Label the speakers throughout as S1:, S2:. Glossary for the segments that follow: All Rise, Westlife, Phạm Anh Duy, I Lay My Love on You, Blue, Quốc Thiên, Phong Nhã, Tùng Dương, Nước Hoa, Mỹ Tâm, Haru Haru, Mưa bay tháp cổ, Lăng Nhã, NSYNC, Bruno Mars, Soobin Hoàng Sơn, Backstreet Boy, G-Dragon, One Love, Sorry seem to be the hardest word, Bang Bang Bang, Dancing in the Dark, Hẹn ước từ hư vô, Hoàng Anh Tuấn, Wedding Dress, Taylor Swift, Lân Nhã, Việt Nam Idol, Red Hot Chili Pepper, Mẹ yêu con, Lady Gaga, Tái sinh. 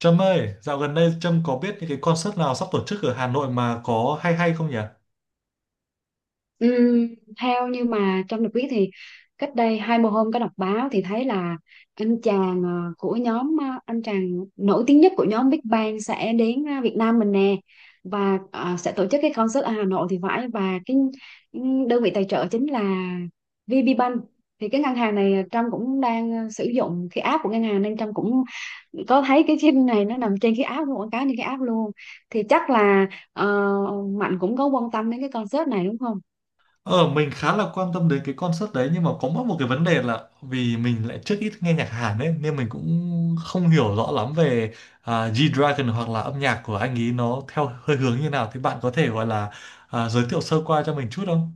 S1: Trâm ơi, dạo gần đây Trâm có biết những cái concert nào sắp tổ chức ở Hà Nội mà có hay hay không nhỉ?
S2: Ừm, Theo như mà Trâm được biết thì cách đây 20 hôm có đọc báo thì thấy là anh chàng của nhóm, anh chàng nổi tiếng nhất của nhóm Big Bang sẽ đến, Việt Nam mình nè. Và sẽ tổ chức cái concert ở Hà Nội thì phải. Và cái, đơn vị tài trợ chính là VP Bank. Thì cái ngân hàng này, Trâm cũng đang sử dụng cái app của ngân hàng, nên Trâm cũng có thấy cái phim này nó nằm trên cái app luôn, quảng cáo trên cái app luôn. Thì chắc là ờ, Mạnh cũng có quan tâm đến cái concert này, đúng không?
S1: Ờ, mình khá là quan tâm đến cái concert đấy nhưng mà có mỗi một cái vấn đề là vì mình lại trước ít nghe nhạc Hàn ấy nên mình cũng không hiểu rõ lắm về G-Dragon hoặc là âm nhạc của anh ấy nó theo hơi hướng như nào thì bạn có thể gọi là giới thiệu sơ qua cho mình chút không?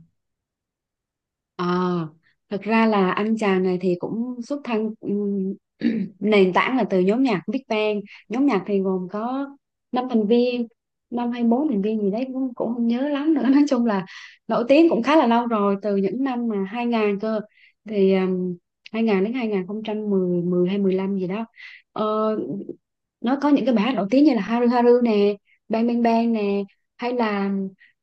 S2: Ờ, Thật ra là anh chàng này thì cũng xuất thân, nền tảng là từ nhóm nhạc Big Bang. Nhóm nhạc thì gồm có năm thành viên, năm hay bốn thành viên gì đấy, cũng không nhớ lắm nữa. Nói chung là nổi tiếng cũng khá là lâu rồi, từ những năm mà 2000 cơ. Thì 2000 đến 2010, mười mười hay 15 gì đó. Ờ, nó có những cái bài hát nổi tiếng như là Haru Haru nè, Bang Bang Bang nè, hay là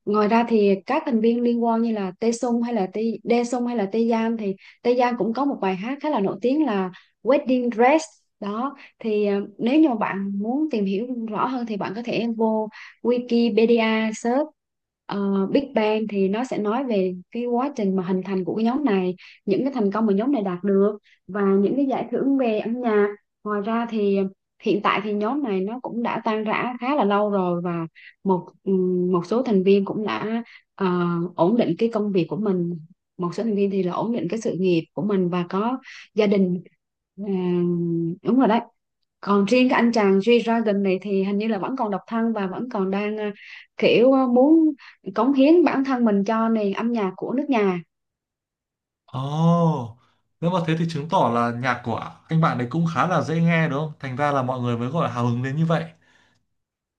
S2: ngoài ra thì các thành viên liên quan như là Tae, hay là Tae Dae, hay là Tae, thì Tae cũng có một bài hát khá là nổi tiếng là Wedding Dress đó. Thì nếu như mà bạn muốn tìm hiểu rõ hơn thì bạn có thể vô Wikipedia search Big Bang, thì nó sẽ nói về cái quá trình mà hình thành của cái nhóm này, những cái thành công mà nhóm này đạt được, và những cái giải thưởng về âm nhạc. Ngoài ra thì hiện tại thì nhóm này nó cũng đã tan rã khá là lâu rồi, và một ừ, một số thành viên cũng đã ờ, ổn định cái công việc của mình, một số thành viên thì là ổn định cái sự nghiệp của mình và có gia đình. Đúng rồi đấy. Còn riêng cái anh chàng G-Dragon này thì hình như là vẫn còn độc thân, và vẫn còn đang kiểu muốn cống hiến bản thân mình cho nền âm nhạc của nước nhà.
S1: Ồ, nếu mà thế thì chứng tỏ là nhạc của anh bạn ấy cũng khá là dễ nghe đúng không? Thành ra là mọi người mới gọi là hào hứng đến như vậy.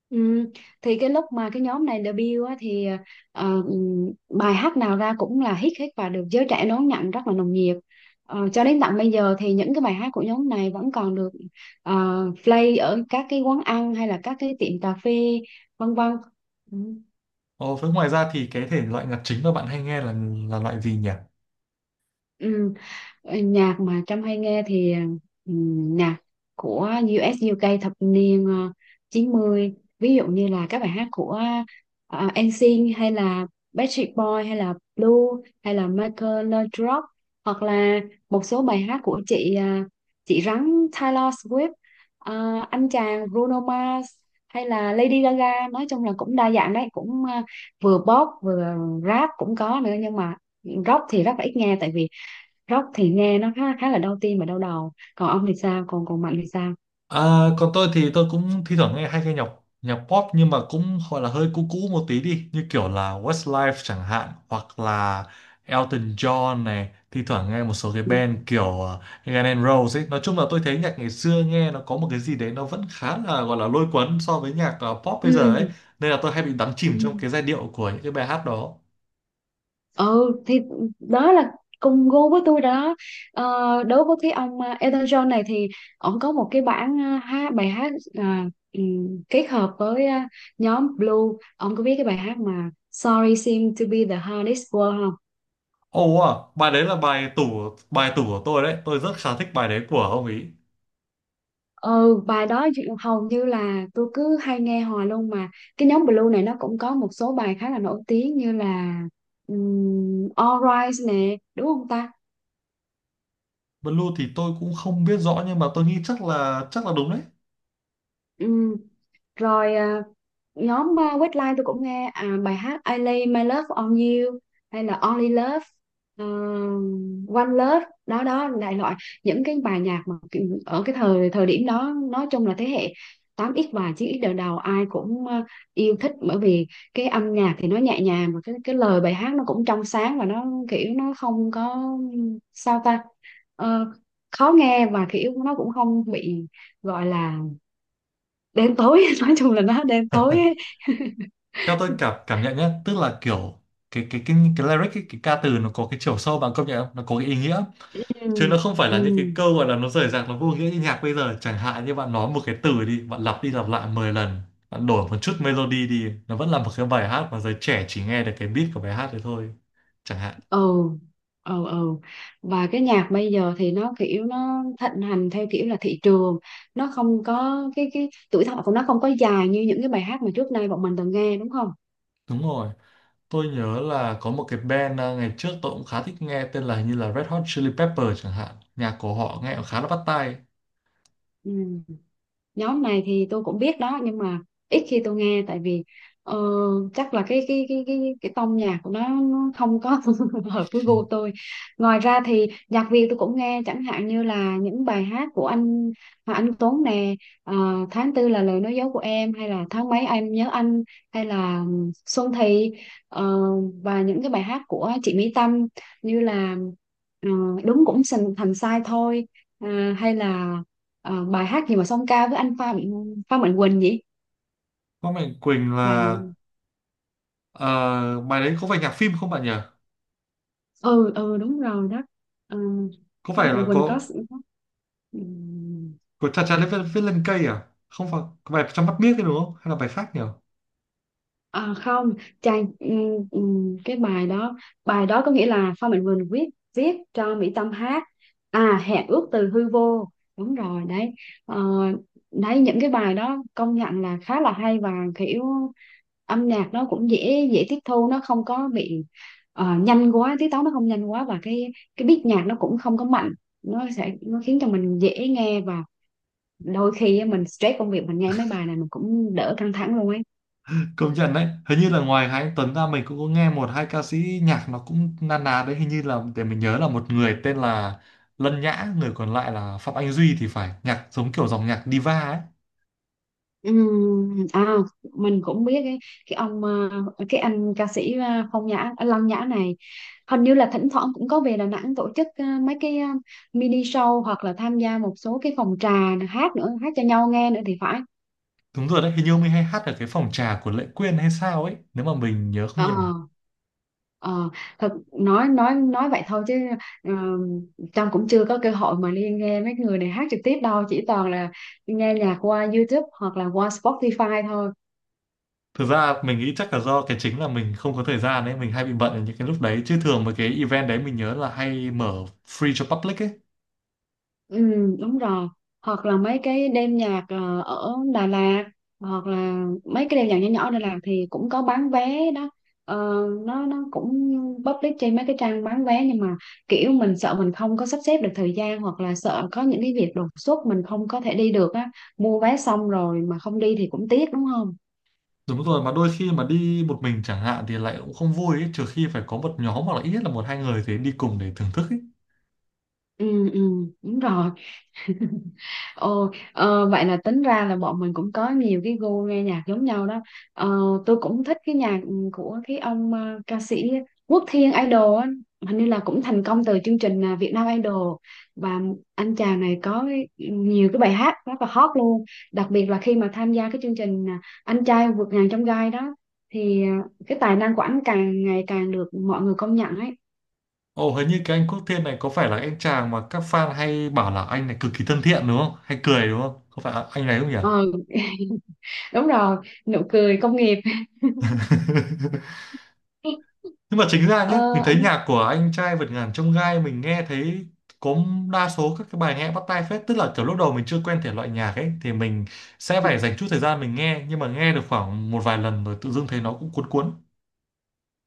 S2: Ừ. Thì cái lúc mà cái nhóm này debut á, thì bài hát nào ra cũng là hit hết và được giới trẻ đón nhận rất là nồng nhiệt. Ờ, cho đến tận bây giờ thì những cái bài hát của nhóm này vẫn còn được play ở các cái quán ăn hay là các cái tiệm cà phê, vân vân. Ừ.
S1: Ồ, với ngoài ra thì cái thể loại nhạc chính mà bạn hay nghe là loại gì nhỉ?
S2: Ừ. Nhạc mà Trâm hay nghe thì, nhạc của U.S. UK thập niên 90, ví dụ như là các bài hát của NSYNC, hay là Backstreet Boy, hay là Blue, hay là Michael Laudrup, hoặc là một số bài hát của chị rắn Taylor Swift, ờ, anh chàng Bruno Mars, hay là Lady Gaga. Nói chung là cũng đa dạng đấy, cũng vừa pop vừa rap cũng có nữa, nhưng mà rock thì rất là ít nghe, tại vì rock thì nghe nó khá khá là đau tim và đau đầu. Còn ông thì sao? Còn còn Mạnh thì sao?
S1: À, còn tôi thì tôi cũng thi thoảng nghe hay nghe nhạc nhạc pop nhưng mà cũng gọi là hơi cũ cũ một tí đi như kiểu là Westlife chẳng hạn hoặc là Elton John này thi thoảng nghe một số cái
S2: Ừ.
S1: band kiểu Guns N' Roses ấy, nói chung là tôi thấy nhạc ngày xưa nghe nó có một cái gì đấy nó vẫn khá là gọi là lôi cuốn so với nhạc pop bây giờ ấy,
S2: Ừ.
S1: nên là tôi hay bị đắm
S2: Ừ.
S1: chìm trong cái giai điệu của những cái bài hát đó.
S2: Ừ, thì đó là cùng gu với tôi rồi đó. Ờ, đối với cái ông, Elton John này thì ông có một cái bản, hát bài hát, à, ừ, kết hợp với nhóm Blue. Ông có biết cái bài hát mà Sorry seem to Be the Hardest Word không?
S1: Ồ, bài đấy là bài tủ của tôi đấy. Tôi rất khá thích bài đấy của ông ý.
S2: Ừ, bài đó hầu như là tôi cứ hay nghe hoài luôn mà. Cái nhóm Blue này nó cũng có một số bài khá là nổi tiếng như là, All Rise nè, đúng không ta?
S1: Blue thì tôi cũng không biết rõ nhưng mà tôi nghĩ chắc là đúng đấy.
S2: Ừ. Rồi, nhóm Westlife tôi cũng nghe, bài hát I Lay My Love on You, hay là Only Love, ờ, One Love đó đó, đại loại những cái bài nhạc mà ở cái thời thời điểm đó. Nói chung là thế hệ 8x và 9x đời đầu ai cũng yêu thích, bởi vì cái âm nhạc thì nó nhẹ nhàng, và cái lời bài hát nó cũng trong sáng, và nó kiểu nó không có, sao ta, Ờ, khó nghe, và kiểu nó cũng không bị gọi là đen tối, nói chung là nó đen tối ấy.
S1: Theo tôi cảm cảm nhận nhá, tức là kiểu cái lyric cái ca từ nó có cái chiều sâu, bạn công nhận không? Nó có cái ý nghĩa
S2: Ừ.
S1: chứ nó không phải
S2: Ừ.
S1: là những cái câu gọi là nó rời rạc, nó vô nghĩa như nhạc bây giờ. Chẳng hạn như bạn nói một cái từ đi, bạn lặp đi lặp lại 10 lần, bạn đổi một chút melody đi, nó vẫn là một cái bài hát mà giới trẻ chỉ nghe được cái beat của bài hát đấy thôi. Chẳng hạn.
S2: Ừ. Ừ. Ừ. Và cái nhạc bây giờ thì nó kiểu nó thịnh hành theo kiểu là thị trường, nó không có cái tuổi thọ của nó không có dài như những cái bài hát mà trước nay bọn mình từng nghe, đúng không?
S1: Đúng rồi. Tôi nhớ là có một cái band ngày trước tôi cũng khá thích nghe, tên là hình như là Red Hot Chili Pepper chẳng hạn. Nhạc của họ nghe cũng khá là bắt tai.
S2: Ừ. Nhóm này thì tôi cũng biết đó, nhưng mà ít khi tôi nghe, tại vì ờ, chắc là cái tông nhạc của nó không có hợp với gu tôi. Ngoài ra thì nhạc Việt tôi cũng nghe, chẳng hạn như là những bài hát của anh Hoàng Anh Tuấn nè, ờ, Tháng Tư Là Lời Nói Dối Của Em hay là Tháng Mấy Em Nhớ Anh, hay là Xuân Thị ờ, và những cái bài hát của chị Mỹ Tâm, như là ờ, Đúng Cũng Thành thành Sai Thôi, hay là bài hát gì mà song ca với anh Pha Mạnh Quỳnh vậy,
S1: Có Mạnh Quỳnh
S2: bài
S1: là
S2: gì?
S1: ờ, bài đấy có phải nhạc phim không bạn nhỉ?
S2: Ừ, ừ, đúng rồi đó. Ờ,
S1: Có
S2: Pha
S1: phải
S2: Mạnh
S1: là
S2: Quỳnh có
S1: có
S2: s- có-
S1: của
S2: Ừ.
S1: Cha Cha Viết, viết lên cây à? Không phải có bài trong mắt biếc đấy đúng không? Hay là bài khác nhỉ?
S2: Không, chàng, cái bài đó có nghĩa là Phan Mạnh Quỳnh viết, cho Mỹ Tâm hát, à Hẹn Ước Từ Hư Vô, đúng rồi đấy. Ờ, đấy những cái bài đó công nhận là khá là hay, và kiểu âm nhạc nó cũng dễ dễ tiếp thu, nó không có bị nhanh quá, tiết tấu nó không nhanh quá, và cái beat nhạc nó cũng không có mạnh, nó sẽ nó khiến cho mình dễ nghe, và đôi khi á, mình stress công việc mình nghe mấy bài này mình cũng đỡ căng thẳng luôn ấy.
S1: Công nhận đấy. Hình như là ngoài Hà Anh Tuấn ra mình cũng có nghe một hai ca sĩ nhạc nó cũng na ná đấy. Hình như là để mình nhớ là một người tên là Lân Nhã, người còn lại là Phạm Anh Duy thì phải, nhạc giống kiểu dòng nhạc diva ấy.
S2: Ừm, à mình cũng biết cái, ông cái anh ca sĩ, Phong Nhã, Lăng Nhã này, hình như là thỉnh thoảng cũng có về Đà Nẵng tổ chức mấy cái mini show, hoặc là tham gia một số cái phòng trà, hát nữa, hát cho nhau nghe nữa thì phải.
S1: Đúng rồi đấy, hình như ông ấy hay hát ở cái phòng trà của Lệ Quyên hay sao ấy, nếu mà mình nhớ không
S2: Ờ.
S1: nhầm.
S2: Ờ, thật, nói vậy thôi, chứ ờ, Trâm cũng chưa có cơ hội mà đi nghe mấy người này hát trực tiếp đâu, chỉ toàn là nghe nhạc qua YouTube hoặc là qua Spotify thôi.
S1: Thực ra mình nghĩ chắc là do cái chính là mình không có thời gian ấy, mình hay bị bận ở những cái lúc đấy. Chứ thường mà cái event đấy mình nhớ là hay mở free cho public ấy.
S2: Ừ, đúng rồi. Hoặc là mấy cái đêm nhạc ở Đà Lạt, hoặc là mấy cái đêm nhạc nhỏ nhỏ ở Đà Lạt thì cũng có bán vé đó. Ờ, nó cũng public trên mấy cái trang bán vé, nhưng mà kiểu mình sợ mình không có sắp xếp được thời gian, hoặc là sợ có những cái việc đột xuất mình không có thể đi được á. Mua vé xong rồi mà không đi thì cũng tiếc, đúng không?
S1: Đúng rồi, mà đôi khi mà đi một mình chẳng hạn thì lại cũng không vui ấy, trừ khi phải có một nhóm hoặc là ít nhất là một hai người thì đi cùng để thưởng thức ấy.
S2: Ừ, ừ, đúng rồi. Ồ, vậy là tính ra là bọn mình cũng có nhiều cái gu nghe nhạc giống nhau đó. Ờ, tôi cũng thích cái nhạc của cái ông ca sĩ Quốc Thiên Idol á. Hình như là cũng thành công từ chương trình Việt Nam Idol, và anh chàng này có nhiều cái bài hát rất là hot luôn. Đặc biệt là khi mà tham gia cái chương trình Anh Trai Vượt Ngàn Chông Gai đó, thì cái tài năng của anh càng ngày càng được mọi người công nhận ấy.
S1: Ồ, hình như cái anh Quốc Thiên này có phải là anh chàng mà các fan hay bảo là anh này cực kỳ thân thiện đúng không? Hay cười đúng không? Có phải anh này không nhỉ?
S2: Ờ, đúng rồi, nụ cười công nghiệp.
S1: Nhưng mà chính ra nhé, mình
S2: Ờ.
S1: thấy nhạc của anh trai vượt ngàn chông gai mình nghe thấy có đa số các cái bài nghe bắt tai phết, tức là kiểu lúc đầu mình chưa quen thể loại nhạc ấy thì mình sẽ phải dành chút thời gian mình nghe, nhưng mà nghe được khoảng một vài lần rồi tự dưng thấy nó cũng cuốn cuốn.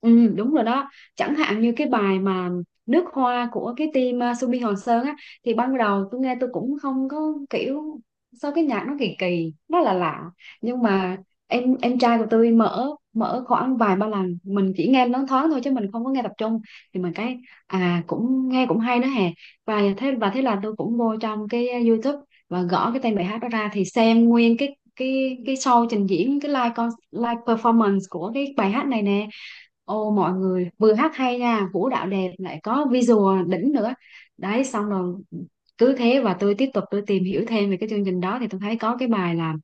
S2: Ừ, đúng rồi đó. Chẳng hạn như cái bài mà Nước Hoa của cái team Subi Hoàng Sơn á, thì ban đầu tôi nghe tôi cũng không có kiểu, sao cái nhạc nó kỳ kỳ, nó là lạ, lạ. Nhưng mà em trai của tôi mở mở khoảng vài ba lần, mình chỉ nghe nó thoáng thôi chứ mình không có nghe tập trung, thì mình cái, cũng nghe cũng hay đó hè. Và thế là tôi cũng vô trong cái YouTube và gõ cái tên bài hát đó ra thì xem nguyên cái show trình diễn cái live performance của cái bài hát này nè. Ô, mọi người vừa hát hay nha, vũ đạo đẹp, lại có visual đỉnh nữa đấy. Xong rồi cứ thế và tôi tiếp tục tìm hiểu thêm về cái chương trình đó thì tôi thấy có cái bài là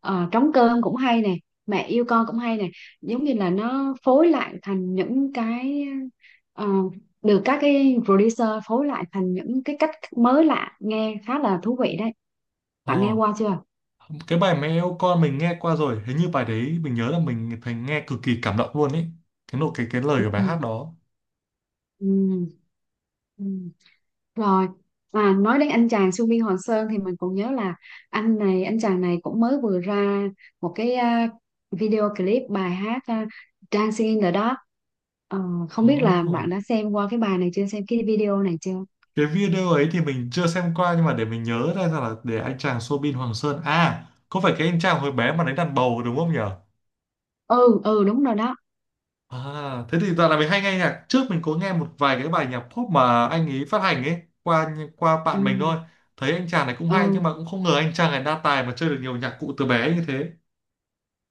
S2: trống cơm cũng hay nè, mẹ yêu con cũng hay nè, giống như là nó phối lại thành những cái ờ, được các cái producer phối lại thành những cái cách mới lạ nghe khá là thú vị đấy.
S1: Ờ,
S2: Bạn nghe qua chưa?
S1: cái bài mẹ yêu con mình nghe qua rồi, hình như bài đấy mình nhớ là mình thấy nghe cực kỳ cảm động luôn ấy, cái nội cái lời của bài hát đó.
S2: Ừ. Ừ. Rồi, à, nói đến anh chàng Su Biên Hoàng Sơn thì mình còn nhớ là anh chàng này cũng mới vừa ra một cái video clip bài hát, Dancing in the Dark. Ờ, Không biết là bạn
S1: Oh,
S2: đã xem qua cái bài này chưa, xem cái video này chưa?
S1: cái video ấy thì mình chưa xem qua nhưng mà để mình nhớ ra là, để anh chàng Soobin Hoàng Sơn à, có phải cái anh chàng hồi bé mà đánh đàn bầu đúng không nhỉ?
S2: Ừ, ừ đúng rồi đó.
S1: À, thế thì dạo này mình hay nghe nhạc, trước mình có nghe một vài cái bài nhạc pop mà anh ấy phát hành ấy, qua qua
S2: Ừ,
S1: bạn mình thôi, thấy anh chàng này cũng hay
S2: ừ.
S1: nhưng mà cũng không ngờ anh chàng này đa tài mà chơi được nhiều nhạc cụ từ bé như thế.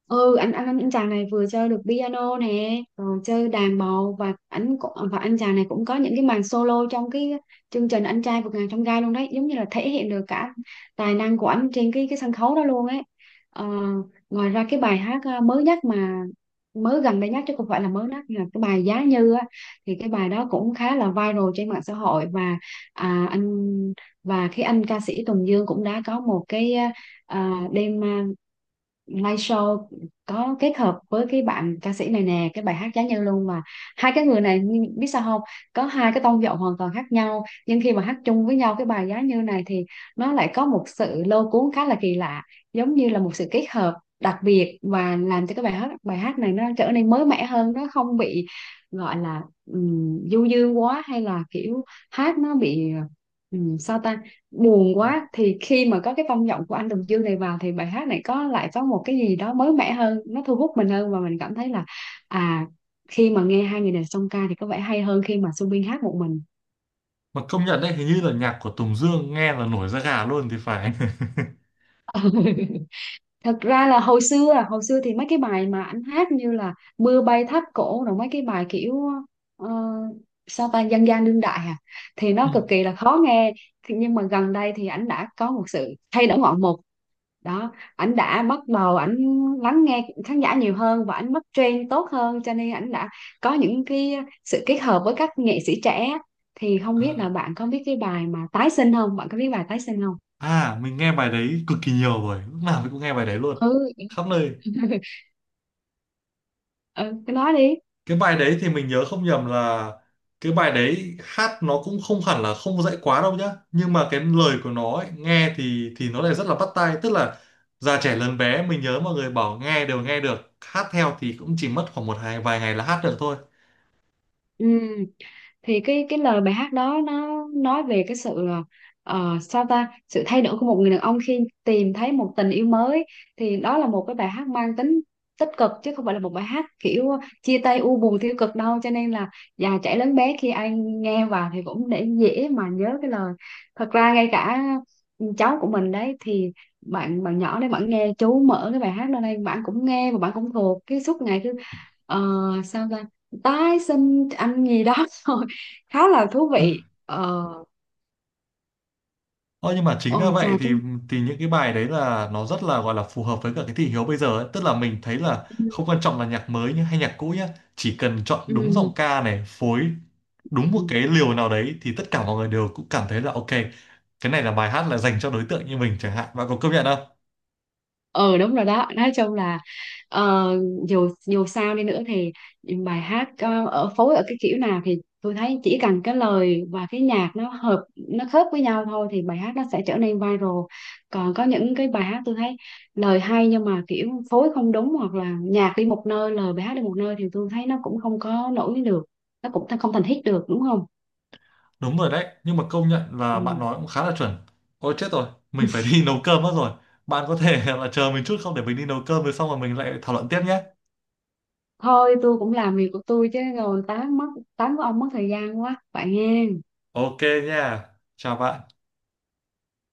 S2: Ừ, anh chàng này vừa chơi được piano nè rồi chơi đàn bầu, và anh chàng này cũng có những cái màn solo trong cái chương trình anh trai vượt ngàn chông gai luôn đấy, giống như là thể hiện được cả tài năng của anh trên cái sân khấu đó luôn ấy. Ờ, Ngoài ra cái bài hát mới nhất mà mới gần đây nhất, chứ không phải là mới nhất, là cái bài Giá Như á, thì cái bài đó cũng khá là viral trên mạng xã hội. Và à, anh và cái anh ca sĩ Tùng Dương cũng đã có một cái đêm, live show có kết hợp với cái bạn ca sĩ này nè, cái bài hát Giá Như luôn mà. Hai cái người này nhưng biết sao không, có hai cái tông giọng hoàn toàn khác nhau nhưng khi mà hát chung với nhau cái bài Giá Như này thì nó lại có một sự lôi cuốn khá là kỳ lạ, giống như là một sự kết hợp đặc biệt và làm cho cái bài hát này nó trở nên mới mẻ hơn, nó không bị gọi là du dương quá hay là kiểu hát nó bị sao ta buồn quá. Thì khi mà có cái tông giọng của anh Tùng Dương này vào thì bài hát này có lại có một cái gì đó mới mẻ hơn, nó thu hút mình hơn, và mình cảm thấy là à khi mà nghe hai người này song ca thì có vẻ hay hơn khi mà Subin hát một mình.
S1: Mà công nhận đấy, hình như là nhạc của Tùng Dương nghe là nổi da gà luôn thì phải.
S2: Thật ra là hồi xưa, hồi xưa thì mấy cái bài mà anh hát như là Mưa Bay Tháp Cổ rồi mấy cái bài kiểu ờ, sao ta dân gian đương đại à thì
S1: Ừ.
S2: nó cực kỳ là khó nghe. Thì nhưng mà gần đây thì anh đã có một sự thay đổi ngoạn mục đó, ảnh đã bắt đầu lắng nghe khán giả nhiều hơn và ảnh bắt trend tốt hơn, cho nên ảnh đã có những cái sự kết hợp với các nghệ sĩ trẻ. Thì không biết là
S1: à,
S2: bạn có biết cái bài mà Tái Sinh không, bạn có biết bài Tái Sinh không?
S1: mình nghe bài đấy cực kỳ nhiều rồi, lúc nào mình cũng nghe bài đấy luôn,
S2: Ừ.
S1: khắp nơi.
S2: Ừ, cái đó đi.
S1: Cái bài đấy thì mình nhớ không nhầm là cái bài đấy hát nó cũng không hẳn là không dạy quá đâu nhá, nhưng mà cái lời của nó ấy, nghe thì nó lại rất là bắt tai, tức là già trẻ lớn bé mình nhớ mọi người bảo nghe đều nghe được, hát theo thì cũng chỉ mất khoảng một hai vài ngày là hát được thôi.
S2: Ừ, thì cái lời bài hát đó nó nói về cái sự ờ, sao ta sự thay đổi của một người đàn ông khi tìm thấy một tình yêu mới. Thì đó là một cái bài hát mang tính tích cực chứ không phải là một bài hát kiểu chia tay u buồn tiêu cực đâu, cho nên là già trẻ lớn bé khi ai nghe vào thì cũng để dễ mà nhớ cái lời. Thật ra ngay cả cháu của mình đấy thì bạn bạn nhỏ đấy, bạn nghe chú mở cái bài hát lên đây, bạn cũng nghe và bạn cũng thuộc cái suốt ngày cứ ờ, sao ta tái sinh anh gì đó rồi, khá là thú vị. Ờ,
S1: Ờ, nhưng mà chính ra
S2: ôi chà
S1: vậy
S2: chúng.
S1: thì những cái bài đấy là nó rất là gọi là phù hợp với cả cái thị hiếu bây giờ ấy. Tức là mình thấy là không quan trọng là nhạc mới nhá, hay nhạc cũ nhá, chỉ cần chọn đúng
S2: Ừ.
S1: giọng ca này, phối đúng một
S2: Ừ.
S1: cái liều nào đấy thì tất cả mọi người đều cũng cảm thấy là ok, cái này là bài hát là dành cho đối tượng như mình chẳng hạn. Bạn có công nhận không?
S2: Ờ đúng rồi đó, nói chung là ờ, dù dù sao đi nữa thì bài hát ở phối ở cái kiểu nào thì tôi thấy chỉ cần cái lời và cái nhạc nó hợp, nó khớp với nhau thôi thì bài hát nó sẽ trở nên viral. Còn có những cái bài hát tôi thấy lời hay nhưng mà kiểu phối không đúng hoặc là nhạc đi một nơi lời bài hát đi một nơi thì tôi thấy nó cũng không có nổi được, nó cũng không thành hit được, đúng không?
S1: Đúng rồi đấy, nhưng mà công nhận là bạn
S2: Ừ.
S1: nói cũng khá là chuẩn. Ôi chết rồi, mình phải đi nấu cơm mất rồi. Bạn có thể là chờ mình chút không để mình đi nấu cơm rồi xong rồi mình lại thảo luận tiếp nhé.
S2: Thôi tôi cũng làm việc của tôi chứ rồi tán mất, tán của ông mất thời gian quá vậy nghe.
S1: Ok nha. Chào bạn.